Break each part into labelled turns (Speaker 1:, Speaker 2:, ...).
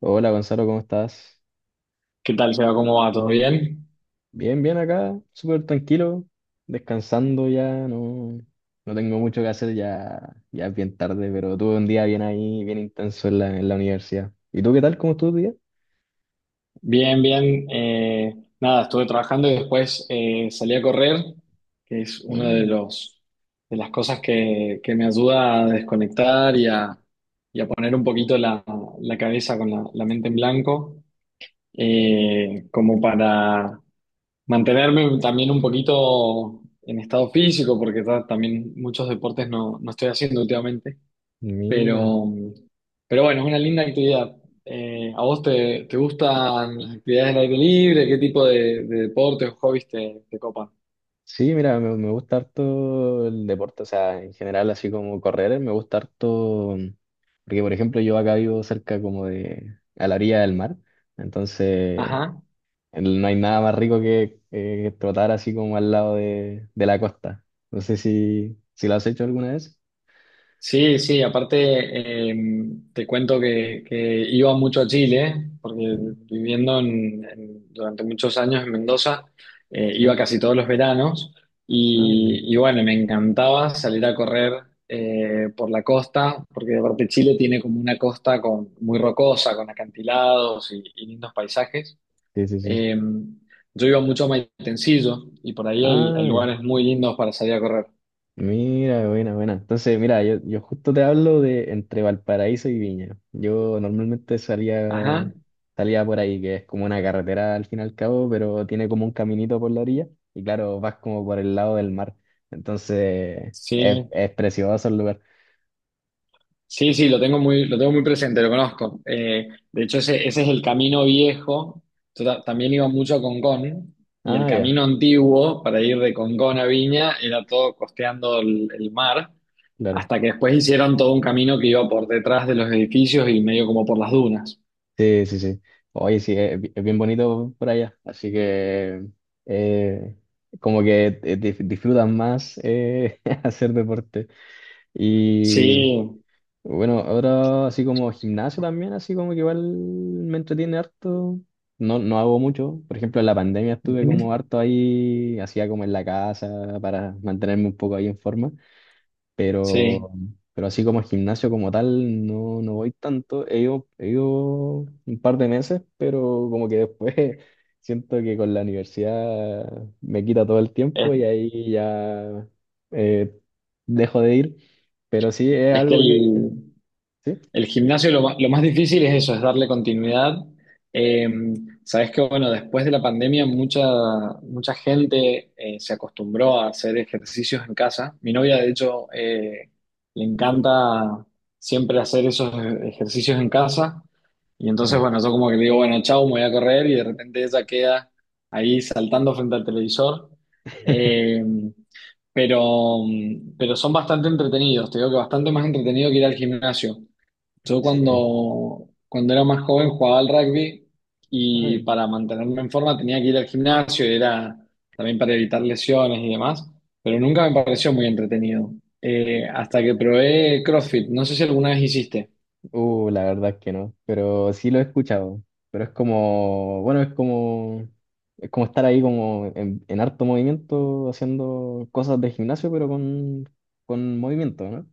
Speaker 1: Hola Gonzalo, ¿cómo estás?
Speaker 2: ¿Qué tal, Seba? ¿Cómo va? ¿Todo bien?
Speaker 1: Bien, bien acá, súper tranquilo, descansando, ya no, no tengo mucho que hacer, ya, ya es bien tarde, pero tuve un día bien ahí, bien intenso en la universidad. ¿Y tú qué tal? ¿Cómo estuvo tu día?
Speaker 2: Bien, bien. Nada, estuve trabajando y después salí a correr, que es una
Speaker 1: Mm,
Speaker 2: de las cosas que me ayuda a desconectar y a poner un poquito la cabeza con la mente en blanco, como para mantenerme también un poquito en estado físico, porque también muchos deportes no estoy haciendo últimamente.
Speaker 1: mira,
Speaker 2: Pero, pero bueno, es una linda actividad. ¿A vos te gustan las actividades al aire libre? ¿Qué tipo de deportes o hobbies te copan?
Speaker 1: sí, mira, me gusta harto el deporte, o sea, en general así como correr, me gusta harto, porque por ejemplo yo acá vivo cerca como de, a la orilla del mar, entonces...
Speaker 2: Ajá.
Speaker 1: No hay nada más rico que trotar así como al lado de la costa. No sé si, si lo has hecho alguna vez.
Speaker 2: Sí, sí, aparte te cuento que iba mucho a Chile, porque
Speaker 1: Mm.
Speaker 2: viviendo durante muchos años en Mendoza, iba
Speaker 1: Sí.
Speaker 2: casi todos los veranos
Speaker 1: Ah,
Speaker 2: y bueno, me encantaba salir a correr por la costa, porque aparte Chile tiene como una costa muy rocosa, con acantilados y lindos paisajes.
Speaker 1: ya. Sí, sí, sí.
Speaker 2: Eh, yo iba mucho a Maitencillo y por ahí hay
Speaker 1: Ah, ya.
Speaker 2: lugares muy lindos para salir a correr.
Speaker 1: Mira, buena, buena. Entonces, mira, yo justo te hablo de entre Valparaíso y Viña. Yo normalmente
Speaker 2: Ajá.
Speaker 1: salía, salía por ahí, que es como una carretera al fin y al cabo, pero tiene como un caminito por la orilla. Y claro, vas como por el lado del mar. Entonces,
Speaker 2: Sí,
Speaker 1: es precioso el lugar.
Speaker 2: sí, sí, lo tengo lo tengo muy presente, lo conozco. De hecho, ese es el camino viejo. Yo también iba mucho a Concón y el
Speaker 1: Ah, ya,
Speaker 2: camino antiguo para ir de Concón a Viña era todo costeando el mar,
Speaker 1: claro.
Speaker 2: hasta que después hicieron todo un camino que iba por detrás de los edificios y medio como por las dunas.
Speaker 1: Sí, sí, sí. Oye, sí, es, bi- es bien bonito por allá. Así que eh, como que dif- disfrutan más hacer deporte. Y sí,
Speaker 2: Sí,
Speaker 1: bueno, ahora así como gimnasio también, así como que igual me entretiene harto. No, no hago mucho. Por ejemplo, en la pandemia estuve
Speaker 2: ujú,
Speaker 1: como harto ahí, hacía como en la casa para mantenerme un poco ahí en forma,
Speaker 2: sí.
Speaker 1: pero, pero así como gimnasio como tal, no, no voy tanto. He ido un par de meses, pero como que después siento que con la universidad me quita todo el
Speaker 2: Es,
Speaker 1: tiempo y ahí ya eh, dejo de ir. Pero sí, es
Speaker 2: es que
Speaker 1: algo que...
Speaker 2: el,
Speaker 1: Sí.
Speaker 2: El gimnasio lo más difícil es eso, es darle continuidad. Eh, sabes que, bueno, después de la pandemia mucha gente se acostumbró a hacer ejercicios en casa. Mi novia, de hecho, le encanta siempre hacer esos ejercicios en casa. Y entonces,
Speaker 1: Mm.
Speaker 2: bueno, yo como que le digo, bueno, chau, me voy a correr y de repente ella queda ahí saltando frente al televisor. Eh, pero, pero son bastante entretenidos, te digo que bastante más entretenido que ir al gimnasio. Yo
Speaker 1: Sí.
Speaker 2: cuando era más joven jugaba al rugby y para mantenerme en forma tenía que ir al gimnasio, y era también para evitar lesiones y demás, pero nunca me pareció muy entretenido. Hasta que probé CrossFit, no sé si alguna vez hiciste.
Speaker 1: La verdad es que no, pero sí lo he escuchado. Pero es como, bueno, es como estar ahí como en harto movimiento haciendo cosas de gimnasio, pero con movimiento, ¿no?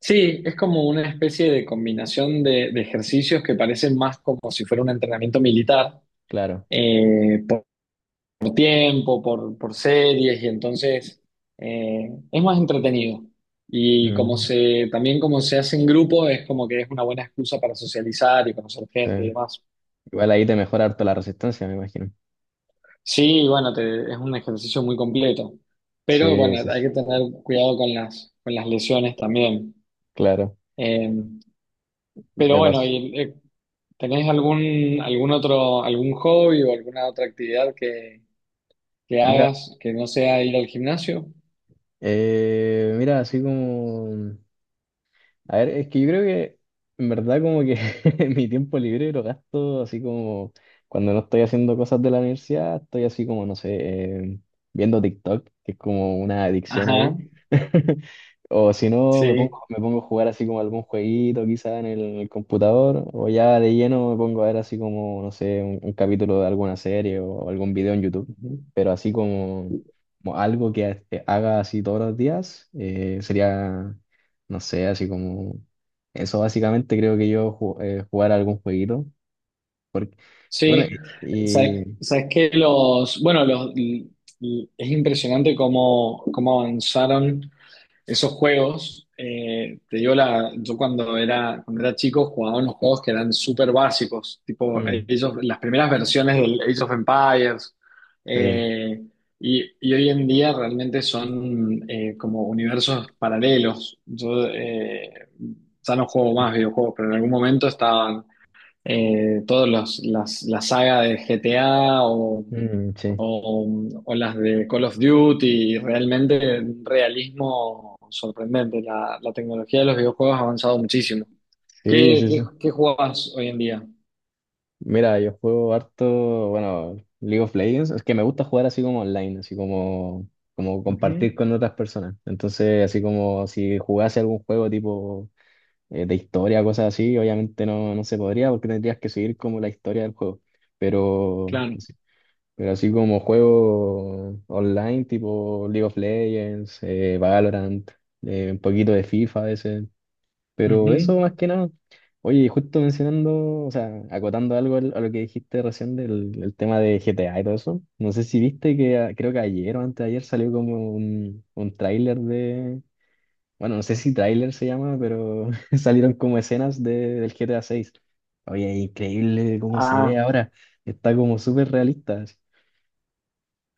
Speaker 2: Sí, es como una especie de combinación de ejercicios que parecen más como si fuera un entrenamiento militar,
Speaker 1: Claro.
Speaker 2: tiempo, por series, y entonces es más entretenido. Y
Speaker 1: Mm,
Speaker 2: también como se hace en grupo, es como que es una buena excusa para socializar y conocer gente y
Speaker 1: sí.
Speaker 2: demás.
Speaker 1: Igual ahí te mejora harto la resistencia, me imagino.
Speaker 2: Sí, bueno, es un ejercicio muy completo, pero
Speaker 1: Sí, sí,
Speaker 2: bueno, hay
Speaker 1: sí,
Speaker 2: que tener cuidado con con las lesiones también.
Speaker 1: claro.
Speaker 2: Eh, pero
Speaker 1: Me
Speaker 2: bueno,
Speaker 1: pasó.
Speaker 2: y, eh, ¿tenés algún, algún otro, algún hobby o alguna otra actividad que
Speaker 1: Mira,
Speaker 2: hagas que no sea ir al gimnasio?
Speaker 1: mira, así como a ver, es que yo creo que en verdad como que mi tiempo libre lo gasto así como cuando no estoy haciendo cosas de la universidad, estoy así como, no sé, eh, viendo TikTok, que es como una adicción ahí.
Speaker 2: Ajá,
Speaker 1: O si no, me pongo,
Speaker 2: sí.
Speaker 1: me pongo a jugar así como algún jueguito quizá en el computador, o ya de lleno me pongo a ver así como, no sé, un capítulo de alguna serie o algún video en YouTube, pero así como, como algo que este, haga así todos los días, sería no sé, así como... Eso básicamente creo que yo ju- jugar algún jueguito. Porque, bueno,
Speaker 2: Sí, sabes,
Speaker 1: y-
Speaker 2: sabes que los, bueno, los, l- l- es impresionante cómo avanzaron esos juegos. Te digo la, yo cuando era chico jugaba unos juegos que eran súper básicos, tipo
Speaker 1: mm,
Speaker 2: ellos, las primeras versiones del Age of Empires,
Speaker 1: sí,
Speaker 2: eh, y hoy en día realmente son como universos paralelos. Yo ya no juego más videojuegos, pero en algún momento estaban todas la saga de GTA
Speaker 1: mm, sí,
Speaker 2: o las de Call of Duty, y realmente un realismo sorprendente. La tecnología de los videojuegos ha avanzado muchísimo.
Speaker 1: sí,
Speaker 2: ¿Qué,
Speaker 1: sí,
Speaker 2: qué,
Speaker 1: sí.
Speaker 2: qué jugás hoy en día?
Speaker 1: Mira, yo juego harto, bueno, League of Legends. Es que me gusta jugar así como online, así como, como
Speaker 2: Ujú,
Speaker 1: compartir con otras personas. Entonces, así como si jugase algún juego tipo de historia, cosas así, obviamente no, no se podría porque tendrías que seguir como la historia del juego. Pero...
Speaker 2: claro.
Speaker 1: Pero así como juego online, tipo League of Legends, Valorant, un poquito de FIFA a veces. Pero eso
Speaker 2: Ujú.
Speaker 1: más que nada. Oye, y justo mencionando, o sea, acotando algo al- a lo que dijiste recién del el tema de GTA y todo eso. No sé si viste que a- creo que ayer o antes de ayer salió como un tráiler de. Bueno, no sé si tráiler se llama, pero salieron como escenas de, del GTA 6. Oye, increíble cómo se ve ahora. Está como súper realista.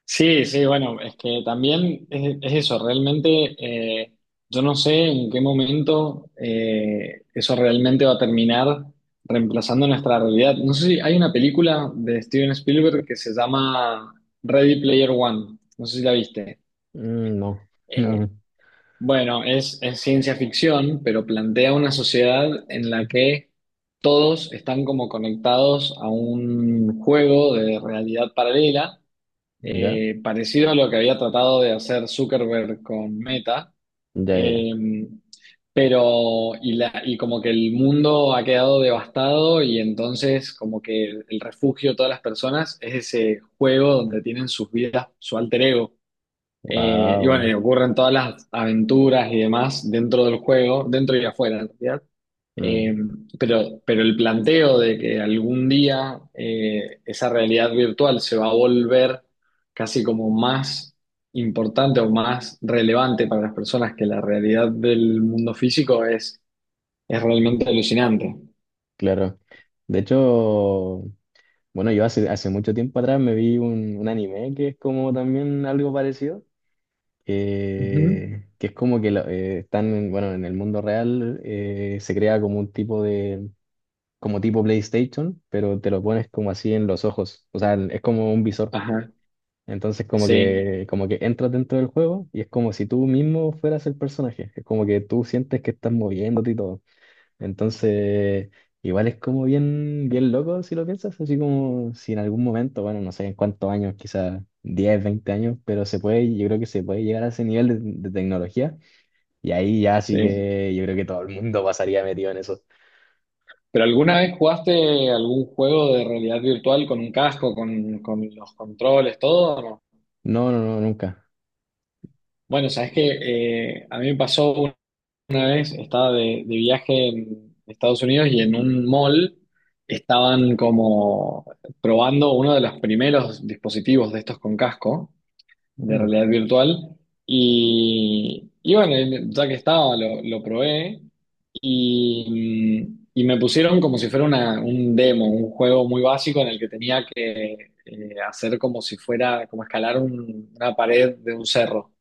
Speaker 2: Sí, sí, bueno, es que también es eso, realmente eh, yo no sé en qué momento eso realmente va a terminar reemplazando nuestra realidad. No sé si hay una película de Steven Spielberg que se llama Ready Player One, no sé si la viste.
Speaker 1: Mm. No,
Speaker 2: Eh,
Speaker 1: no,
Speaker 2: bueno, es ciencia ficción, pero plantea una sociedad en la que todos están como conectados a un juego de realidad paralela
Speaker 1: ya,
Speaker 2: parecido a lo que había tratado de hacer Zuckerberg con Meta,
Speaker 1: ya, ya,
Speaker 2: eh, pero y como que el mundo ha quedado devastado y entonces como que el refugio de todas las personas es ese juego donde tienen sus vidas, su alter ego. Y
Speaker 1: wow,
Speaker 2: bueno, y ocurren todas las aventuras y demás dentro del juego, dentro y afuera, en realidad.
Speaker 1: mm,
Speaker 2: Eh, pero el planteo de que algún día esa realidad virtual se va a volver casi como más importante o más relevante para las personas que la realidad del mundo físico es realmente alucinante.
Speaker 1: claro. De hecho, bueno, yo hace, hace mucho tiempo atrás me vi un anime que es como también algo parecido,
Speaker 2: Ujú.
Speaker 1: que es como que lo- están, en- bueno, en el mundo real se crea como un tipo de, como tipo PlayStation, pero te lo pones como así en los ojos, o sea, es como un visor.
Speaker 2: Ajá,
Speaker 1: Entonces
Speaker 2: sí,
Speaker 1: como que entras dentro del juego y es como si tú mismo fueras el personaje, es como que tú sientes que estás moviéndote y todo. Entonces, igual es como bien, bien loco si lo piensas, así como si en algún momento, bueno, no sé en cuántos años, quizás 10, 20 años, pero se puede, yo creo que se puede llegar a ese nivel de tecnología y ahí ya sí
Speaker 2: sí.
Speaker 1: que yo creo que todo el mundo pasaría metido en eso.
Speaker 2: ¿Pero alguna vez jugaste algún juego de realidad virtual con un casco, con los controles, todo? ¿O no?
Speaker 1: No, no, no, nunca.
Speaker 2: Bueno, sabes que a mí me pasó una vez, estaba de viaje en Estados Unidos y en un mall estaban como probando uno de los primeros dispositivos de estos con casco de
Speaker 1: Mira.
Speaker 2: realidad virtual. Y bueno, y ya que estaba, lo probé y me pusieron como si fuera un demo, un juego muy básico en el que tenía que hacer como si fuera, como escalar una pared de un cerro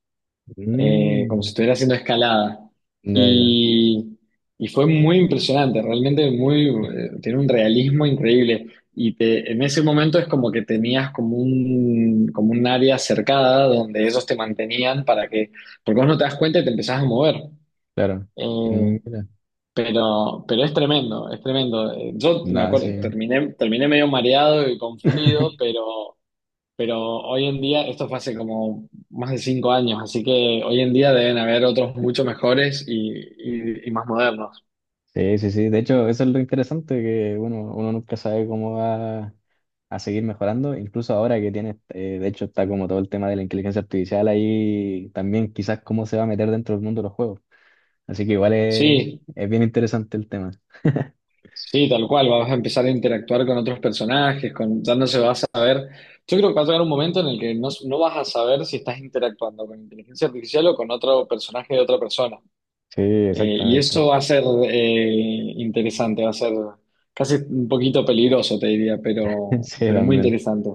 Speaker 1: Mm,
Speaker 2: como si estuviera haciendo escalada.
Speaker 1: ya, ya,
Speaker 2: Y, y fue muy impresionante, realmente muy, tiene un realismo increíble. Y en ese momento es como que tenías como un área cercada donde ellos te mantenían porque vos no te das cuenta y te empezás a mover.
Speaker 1: claro.
Speaker 2: Eh,
Speaker 1: Mira.
Speaker 2: pero es tremendo, es tremendo. Yo me
Speaker 1: Nada,
Speaker 2: acuerdo,
Speaker 1: sí.
Speaker 2: terminé medio mareado y confundido, pero hoy en día, esto fue hace como más de 5 años, así que hoy en día deben haber otros mucho mejores y más modernos.
Speaker 1: Sí, sí, sí. De hecho, eso es lo interesante, que bueno, uno nunca sabe cómo va a seguir mejorando. Incluso ahora que tiene, de hecho, está como todo el tema de la inteligencia artificial ahí, también quizás cómo se va a meter dentro del mundo de los juegos. Así que igual
Speaker 2: Sí,
Speaker 1: es bien interesante el tema.
Speaker 2: sí, tal cual, vas a empezar a interactuar con otros personajes, con, ya no se va a saber. Yo creo que va a llegar un momento en el que no vas a saber si estás interactuando con inteligencia artificial o con otro personaje de otra persona.
Speaker 1: Sí,
Speaker 2: Y
Speaker 1: exactamente.
Speaker 2: eso va a ser interesante, va a ser casi un poquito peligroso, te diría,
Speaker 1: Sí,
Speaker 2: pero muy
Speaker 1: también.
Speaker 2: interesante.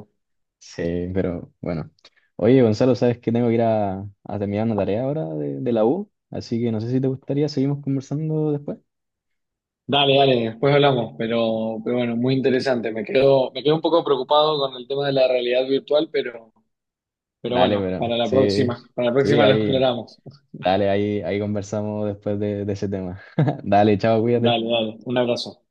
Speaker 1: Sí, pero bueno. Oye, Gonzalo, sabes que tengo que ir a terminar una tarea ahora de la U, así que no sé si te gustaría, seguimos conversando después.
Speaker 2: Dale, dale, después hablamos, pero bueno, muy interesante. Me quedo un poco preocupado con el tema de la realidad virtual, pero
Speaker 1: Dale,
Speaker 2: bueno,
Speaker 1: pero sí,
Speaker 2: para la
Speaker 1: sí,
Speaker 2: próxima lo
Speaker 1: ahí,
Speaker 2: exploramos.
Speaker 1: dale, ahí, ahí conversamos después de ese tema. Dale, chao, cuídate.
Speaker 2: Dale, dale, un abrazo.